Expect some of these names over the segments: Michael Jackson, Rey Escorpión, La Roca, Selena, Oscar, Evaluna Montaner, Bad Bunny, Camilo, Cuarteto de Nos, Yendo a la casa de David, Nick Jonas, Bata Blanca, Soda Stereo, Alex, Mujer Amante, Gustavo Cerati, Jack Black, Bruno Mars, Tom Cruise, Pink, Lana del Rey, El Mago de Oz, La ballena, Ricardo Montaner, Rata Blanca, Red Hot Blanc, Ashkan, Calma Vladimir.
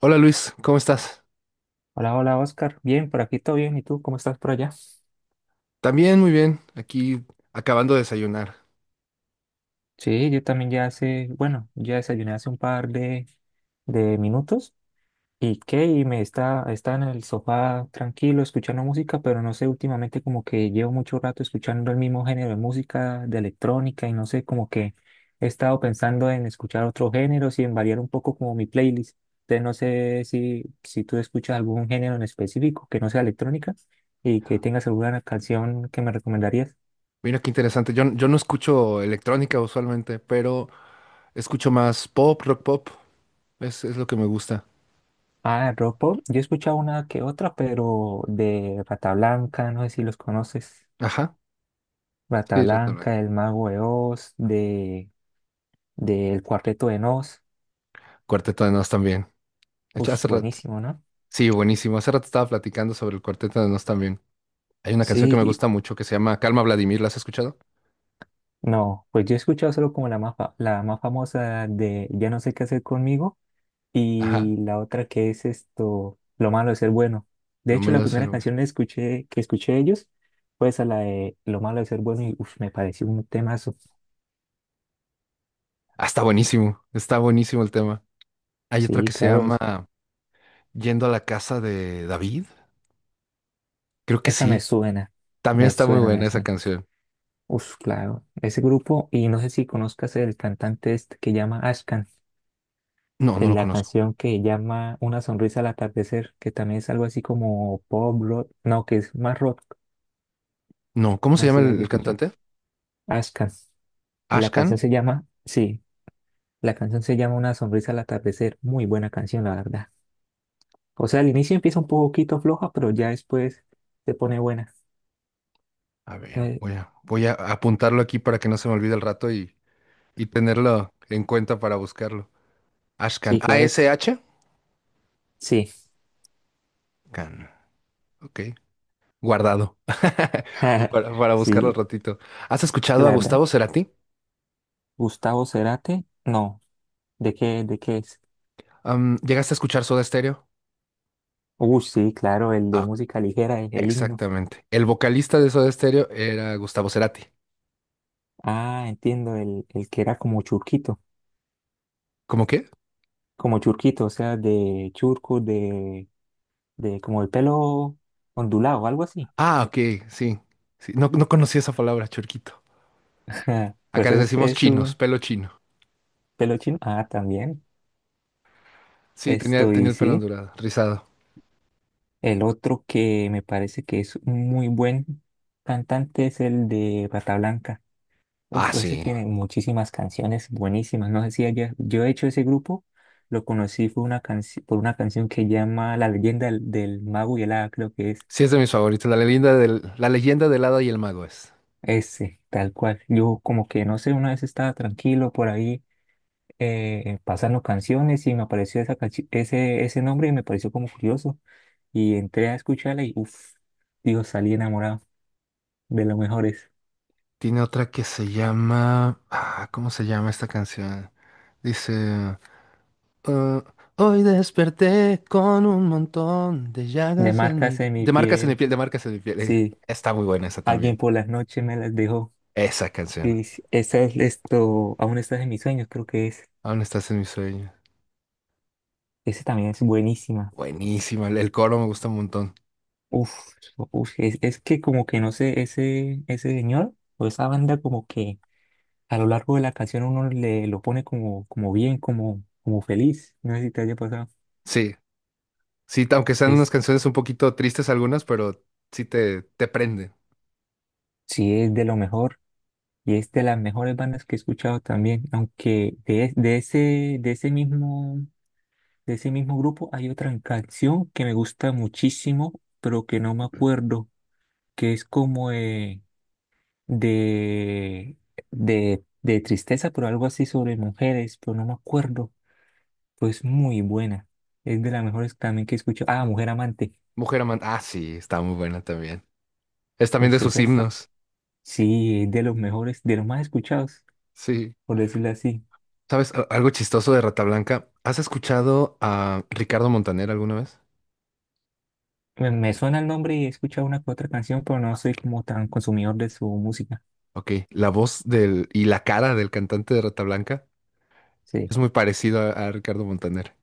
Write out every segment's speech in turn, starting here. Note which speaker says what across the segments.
Speaker 1: Hola Luis, ¿cómo estás?
Speaker 2: Hola, hola Oscar. Bien, por aquí todo bien. ¿Y tú cómo estás por allá?
Speaker 1: También muy bien, aquí acabando de desayunar.
Speaker 2: Sí, yo también ya hace, bueno, ya desayuné hace un par de minutos. ¿Y qué? Y me está en el sofá tranquilo escuchando música, pero no sé, últimamente como que llevo mucho rato escuchando el mismo género de música, de electrónica, y no sé, como que he estado pensando en escuchar otros géneros y en variar un poco como mi playlist. Entonces no sé si tú escuchas algún género en específico que no sea electrónica y que tengas alguna canción que me recomendarías.
Speaker 1: Mira qué interesante, yo no escucho electrónica usualmente, pero escucho más pop, rock pop, es lo que me gusta.
Speaker 2: Ah, Ropo, yo he escuchado una que otra, pero de Rata Blanca, no sé si los conoces.
Speaker 1: Ajá,
Speaker 2: Rata
Speaker 1: sí, Red Hot Blanc.
Speaker 2: Blanca, El Mago de Oz, del Cuarteto de Nos.
Speaker 1: Cuarteto de Nos también. De hecho,
Speaker 2: Ush,
Speaker 1: hace rato,
Speaker 2: buenísimo, ¿no?
Speaker 1: sí, buenísimo, hace rato estaba platicando sobre el Cuarteto de Nos también. Hay una canción que
Speaker 2: Sí,
Speaker 1: me gusta mucho que se llama Calma Vladimir, ¿la has escuchado?
Speaker 2: no, pues yo he escuchado solo como la más, la más famosa de Ya no sé qué hacer conmigo
Speaker 1: Ajá,
Speaker 2: y la otra que es esto, Lo malo de ser bueno. De
Speaker 1: lo
Speaker 2: hecho, la
Speaker 1: malo es
Speaker 2: primera
Speaker 1: el...
Speaker 2: canción que escuché de ellos fue esa, la de Lo malo de ser bueno y uf, me pareció un temazo.
Speaker 1: Ah, está buenísimo el tema. Hay otra
Speaker 2: Sí,
Speaker 1: que se
Speaker 2: claro.
Speaker 1: llama Yendo a la casa de David, creo que
Speaker 2: Esa me
Speaker 1: sí.
Speaker 2: suena,
Speaker 1: También
Speaker 2: me
Speaker 1: está muy
Speaker 2: suena, me
Speaker 1: buena esa
Speaker 2: suena.
Speaker 1: canción.
Speaker 2: Uf, claro. Ese grupo, y no sé si conozcas el cantante este que llama Ashkan,
Speaker 1: No, no
Speaker 2: en
Speaker 1: lo
Speaker 2: la
Speaker 1: conozco.
Speaker 2: canción que llama Una sonrisa al atardecer, que también es algo así como pop rock, no, que es más rock,
Speaker 1: No, ¿cómo
Speaker 2: no
Speaker 1: se
Speaker 2: sé
Speaker 1: llama
Speaker 2: si la
Speaker 1: el,
Speaker 2: hayas
Speaker 1: el
Speaker 2: escuchado.
Speaker 1: cantante?
Speaker 2: Ashkan. Y la
Speaker 1: Ashkan.
Speaker 2: canción se llama, sí, la canción se llama Una sonrisa al atardecer. Muy buena canción, la verdad. O sea, al inicio empieza un poquito floja, pero ya después se pone buena.
Speaker 1: A ver,
Speaker 2: Eh,
Speaker 1: voy a apuntarlo aquí para que no se me olvide el rato y tenerlo en cuenta para buscarlo. Ashkan.
Speaker 2: sí, claro,
Speaker 1: A-S-H.
Speaker 2: sí,
Speaker 1: Can. Ok. Guardado. Para buscarlo al
Speaker 2: sí.
Speaker 1: ratito. ¿Has
Speaker 2: Es que
Speaker 1: escuchado a
Speaker 2: la verdad.
Speaker 1: Gustavo Cerati?
Speaker 2: Gustavo Cerati, no, ¿de qué es?
Speaker 1: ¿Llegaste a escuchar Soda Stereo?
Speaker 2: Uy, sí, claro, el de
Speaker 1: Ah,
Speaker 2: música ligera, el himno.
Speaker 1: exactamente. El vocalista de Soda Stereo era Gustavo Cerati.
Speaker 2: Ah, entiendo, el que era
Speaker 1: ¿Cómo qué?
Speaker 2: como churquito, o sea, de churco, de como el pelo ondulado, algo así.
Speaker 1: Ah, ok, sí. Sí, no, no conocía esa palabra, churquito. Acá
Speaker 2: Pues
Speaker 1: les decimos
Speaker 2: es
Speaker 1: chinos,
Speaker 2: un
Speaker 1: pelo chino.
Speaker 2: pelo chino. Ah, también,
Speaker 1: Sí, tenía,
Speaker 2: esto
Speaker 1: tenía
Speaker 2: y
Speaker 1: el pelo
Speaker 2: sí.
Speaker 1: ondulado, rizado.
Speaker 2: El otro que me parece que es un muy buen cantante es el de Bata Blanca.
Speaker 1: Ah,
Speaker 2: Uf, ese
Speaker 1: sí.
Speaker 2: tiene muchísimas canciones buenísimas. No sé si yo he hecho ese grupo, lo conocí fue una por una canción que llama La leyenda del mago y el hada, creo que es
Speaker 1: Sí, es de mis favoritos. La leyenda del hada y el mago es.
Speaker 2: ese, tal cual. Yo como que no sé, una vez estaba tranquilo por ahí pasando canciones y me apareció esa ese nombre y me pareció como curioso. Y entré a escucharla y uff, digo, salí enamorado de lo mejores.
Speaker 1: Tiene otra que se llama. Ah, ¿cómo se llama esta canción? Dice. "Ah, hoy desperté con un montón de
Speaker 2: De
Speaker 1: llagas en mi.
Speaker 2: marcas en mi
Speaker 1: De marcas en mi
Speaker 2: piel,
Speaker 1: piel, de marcas en mi piel.
Speaker 2: sí,
Speaker 1: Está muy buena esa
Speaker 2: alguien
Speaker 1: también.
Speaker 2: por las noches me las dejó.
Speaker 1: Esa canción.
Speaker 2: Sí, sí, esa es esto, aún estás en mis sueños, creo que es,
Speaker 1: Aún estás en mis sueños.
Speaker 2: ese también es buenísima.
Speaker 1: Buenísima. El coro me gusta un montón.
Speaker 2: Uf, uf, es que como que no sé, ese señor o esa banda como que a lo largo de la canción uno le lo pone como, como bien, como, como feliz. No sé si te haya pasado.
Speaker 1: Sí. Sí, aunque sean unas
Speaker 2: Es,
Speaker 1: canciones un poquito tristes algunas, pero sí te prende.
Speaker 2: sí, es de lo mejor y es de las mejores bandas que he escuchado también, aunque de ese mismo grupo hay otra canción que me gusta muchísimo, pero que no me acuerdo. Que es como de, de tristeza, pero algo así sobre mujeres, pero no me acuerdo. Pues muy buena. Es de las mejores también que escucho. Ah, Mujer Amante.
Speaker 1: Mujer amante. Ah, sí, está muy buena también. Es también de
Speaker 2: Uf,
Speaker 1: sus
Speaker 2: esa es.
Speaker 1: himnos.
Speaker 2: Sí, es de los mejores, de los más escuchados,
Speaker 1: Sí.
Speaker 2: por decirlo así.
Speaker 1: ¿Sabes a- algo chistoso de Rata Blanca? ¿Has escuchado a Ricardo Montaner alguna vez?
Speaker 2: Me suena el nombre y he escuchado una que otra canción, pero no soy como tan consumidor de su música.
Speaker 1: Ok, la voz del y la cara del cantante de Rata Blanca
Speaker 2: Sí.
Speaker 1: es muy parecido a Ricardo Montaner.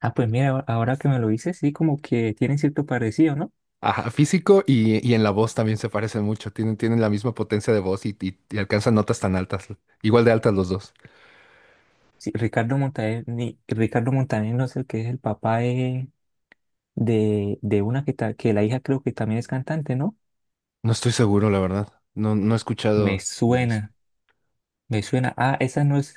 Speaker 2: Ah, pues mira, ahora que me lo dices, sí, como que tienen cierto parecido, ¿no?
Speaker 1: Ajá, físico y en la voz también se parecen mucho. Tienen la misma potencia de voz y alcanzan notas tan altas. Igual de altas los dos.
Speaker 2: Sí, Ricardo Montaner, Ricardo Montaner no es el que es el papá de una que la hija creo que también es cantante, ¿no?
Speaker 1: No estoy seguro, la verdad. No, no he
Speaker 2: Me
Speaker 1: escuchado de eso.
Speaker 2: suena, me suena. Ah, esa no es,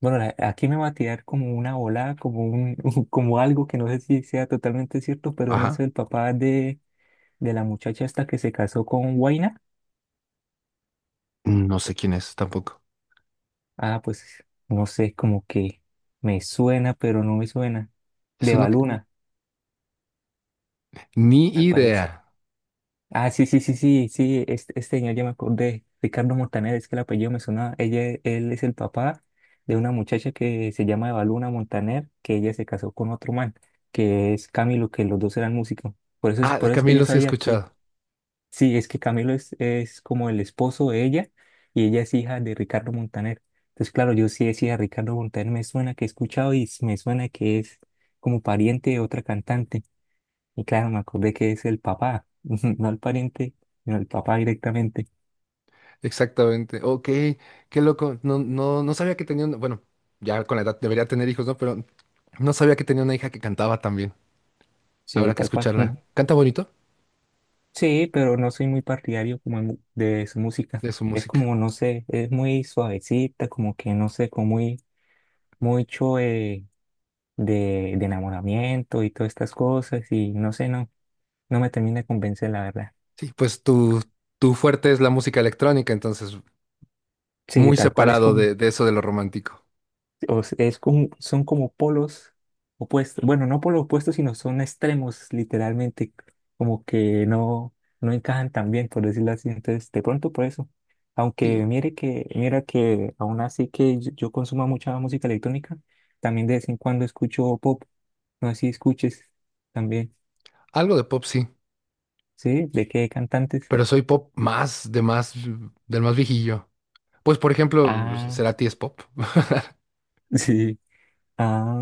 Speaker 2: bueno, aquí me va a tirar como una volada, como un, como algo que no sé si sea totalmente cierto, pero en
Speaker 1: Ajá.
Speaker 2: eso el papá de la muchacha esta que se casó con Huayna,
Speaker 1: No sé quién es tampoco.
Speaker 2: ah, pues no sé, como que me suena, pero no me suena.
Speaker 1: Es
Speaker 2: De
Speaker 1: uno que...
Speaker 2: Baluna,
Speaker 1: Ni
Speaker 2: me parece.
Speaker 1: idea.
Speaker 2: Ah, sí, sí, sí, sí, sí, este señor ya me acordé, Ricardo Montaner, es que el apellido me sonaba, ella, él es el papá de una muchacha que se llama Evaluna Montaner, que ella se casó con otro man, que es Camilo, que los dos eran músicos,
Speaker 1: Ah, de
Speaker 2: por eso es que yo
Speaker 1: Camilo sí he
Speaker 2: sabía que,
Speaker 1: escuchado.
Speaker 2: sí, es que Camilo es como el esposo de ella, y ella es hija de Ricardo Montaner, entonces claro, yo sí decía, Ricardo Montaner me suena que he escuchado y me suena que es como pariente de otra cantante, y claro, me acordé que es el papá, no el pariente, sino el papá directamente.
Speaker 1: Exactamente. Ok, qué loco. No, no, no sabía que tenía una... Bueno, ya con la edad debería tener hijos, ¿no? Pero no sabía que tenía una hija que cantaba también.
Speaker 2: Sí,
Speaker 1: Habrá que
Speaker 2: tal cual.
Speaker 1: escucharla. Canta bonito
Speaker 2: Sí, pero no soy muy partidario como de su música.
Speaker 1: de su
Speaker 2: Es
Speaker 1: música.
Speaker 2: como, no sé, es muy suavecita, como que no sé, como muy, mucho de enamoramiento y todas estas cosas. Y no sé, no, no me termina de convencer, la verdad.
Speaker 1: Sí, pues tu fuerte es la música electrónica, entonces
Speaker 2: Sí,
Speaker 1: muy
Speaker 2: tal cual es
Speaker 1: separado
Speaker 2: como
Speaker 1: de eso de lo romántico.
Speaker 2: Es como, son como polos opuestos. Bueno, no polos opuestos, sino son extremos, literalmente, como que no, no encajan tan bien, por decirlo así. Entonces, de pronto por eso. Aunque
Speaker 1: Sí,
Speaker 2: mira que aún así que yo consumo mucha música electrónica, también de vez en cuando escucho pop. No sé si escuches también.
Speaker 1: algo de pop, sí.
Speaker 2: ¿Sí? ¿De qué cantantes?
Speaker 1: Pero soy pop más de más del más viejillo. Pues por ejemplo,
Speaker 2: Ah,
Speaker 1: Cerati es pop.
Speaker 2: sí. Ah,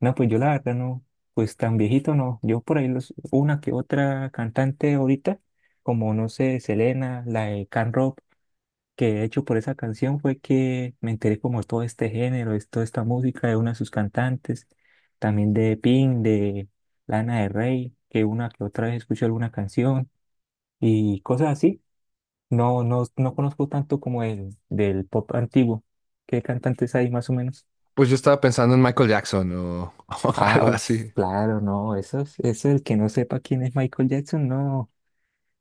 Speaker 2: no, pues yo la verdad no, pues tan viejito no. Yo por ahí los, una que otra cantante ahorita, como no sé, Selena, la de Can Rock, que de hecho por esa canción fue que me enteré como de todo este género, de toda esta música de una de sus cantantes, también de Pink, de Lana del Rey, que una que otra vez escuché alguna canción y cosas así. No conozco tanto como el del pop antiguo. ¿Qué cantantes hay más o menos?
Speaker 1: Pues yo estaba pensando en Michael Jackson o, o
Speaker 2: Ah,
Speaker 1: algo
Speaker 2: uff,
Speaker 1: así.
Speaker 2: claro, no, eso el que no sepa quién es Michael Jackson, no,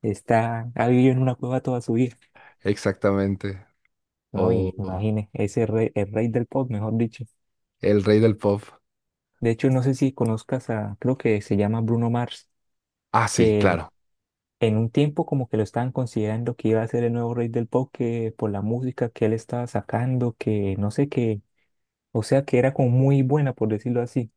Speaker 2: está, ha vivido en una cueva toda su vida,
Speaker 1: Exactamente.
Speaker 2: no, y
Speaker 1: O
Speaker 2: imagine, ese rey, el rey del pop, mejor dicho.
Speaker 1: el rey del pop.
Speaker 2: De hecho, no sé si conozcas a, creo que se llama Bruno Mars,
Speaker 1: Ah, sí,
Speaker 2: que
Speaker 1: claro.
Speaker 2: en un tiempo como que lo estaban considerando que iba a ser el nuevo rey del pop, que por la música que él estaba sacando, que no sé qué, o sea, que era como muy buena, por decirlo así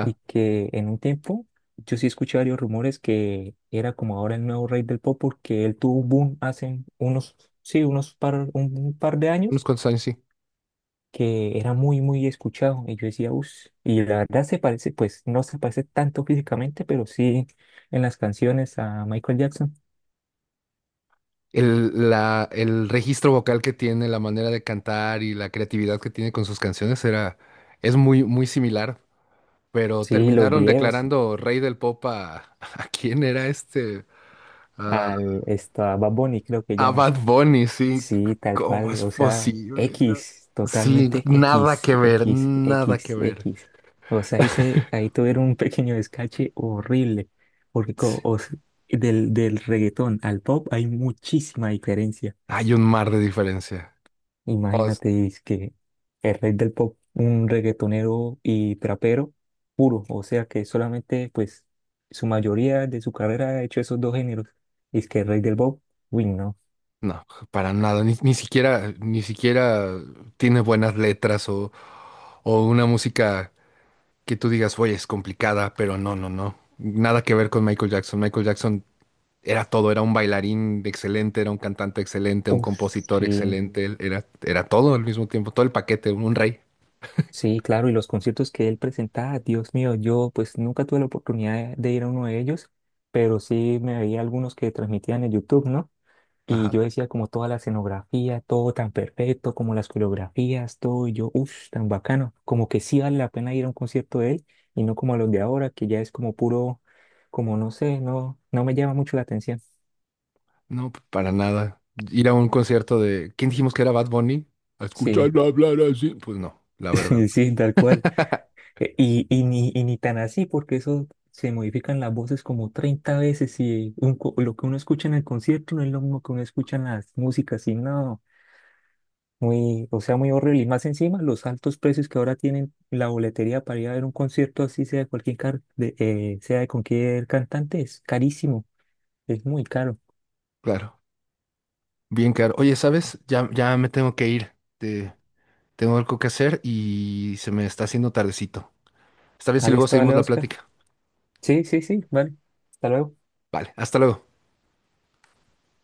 Speaker 2: y que en un tiempo yo sí escuché varios rumores que era como ahora el nuevo rey del pop porque él tuvo un boom hace unos, sí, un par de años
Speaker 1: Unos cuantos años, sí.
Speaker 2: que era muy, muy escuchado y yo decía, uff, y la verdad se parece, pues no se parece tanto físicamente, pero sí en las canciones a Michael Jackson,
Speaker 1: El, la, el registro vocal que tiene, la manera de cantar y la creatividad que tiene con sus canciones era, es muy, muy similar. Pero
Speaker 2: sí, los
Speaker 1: terminaron
Speaker 2: videos,
Speaker 1: declarando rey del pop a, ¿a quién era este?
Speaker 2: a Bad Bunny creo que
Speaker 1: A
Speaker 2: llama.
Speaker 1: Bad Bunny, sí.
Speaker 2: Sí, tal
Speaker 1: ¿Cómo
Speaker 2: cual,
Speaker 1: es
Speaker 2: o sea,
Speaker 1: posible? ¿No?
Speaker 2: X,
Speaker 1: Sí,
Speaker 2: totalmente
Speaker 1: nada
Speaker 2: X,
Speaker 1: que ver,
Speaker 2: X,
Speaker 1: nada
Speaker 2: X,
Speaker 1: que ver.
Speaker 2: X. O sea, ahí tuvieron un pequeño descache horrible, porque del reggaetón al pop hay muchísima diferencia.
Speaker 1: Hay un mar de diferencia. No, es-
Speaker 2: Imagínate, es que el rey del pop, un reggaetonero y trapero puro, o sea que solamente, pues, su mayoría de su carrera ha hecho esos dos géneros. Es que el rey del pop, uy, no.
Speaker 1: no, para nada. Ni, ni siquiera, ni siquiera tiene buenas letras o una música que tú digas, oye, es complicada, pero no, no, no. Nada que ver con Michael Jackson. Michael Jackson era todo, era un bailarín excelente, era un cantante excelente, un
Speaker 2: Uf,
Speaker 1: compositor
Speaker 2: sí.
Speaker 1: excelente, él era todo al mismo tiempo, todo el paquete, un rey.
Speaker 2: Sí, claro, y los conciertos que él presentaba, Dios mío, yo pues nunca tuve la oportunidad de ir a uno de ellos, pero sí me veía algunos que transmitían en YouTube, ¿no? Y yo decía como toda la escenografía, todo tan perfecto, como las coreografías, todo, y yo, uff, tan bacano, como que sí vale la pena ir a un concierto de él y no como a los de ahora, que ya es como puro, como no sé, no, no me llama mucho la atención.
Speaker 1: No, p- para nada. Ir a un concierto de... ¿Quién dijimos que era Bad Bunny? A
Speaker 2: Sí,
Speaker 1: escucharlo hablar así. Pues no, la verdad.
Speaker 2: sí, tal cual. Y ni tan así, porque eso se modifican las voces como 30 veces y un lo que uno escucha en el concierto no es lo mismo que uno escucha en las músicas, y no, muy, o sea, muy horrible. Y más encima, los altos precios que ahora tienen la boletería para ir a ver un concierto así, sea de sea de cualquier cantante, es carísimo, es muy caro.
Speaker 1: Claro. Bien caro. Oye, ¿sabes? Ya me tengo que ir. Te- tengo algo que hacer y se me está haciendo tardecito. ¿Está bien si
Speaker 2: Alex,
Speaker 1: luego seguimos
Speaker 2: vale,
Speaker 1: la
Speaker 2: Oscar.
Speaker 1: plática?
Speaker 2: Sí, sí, sí, vale. Hasta luego.
Speaker 1: Vale, hasta luego.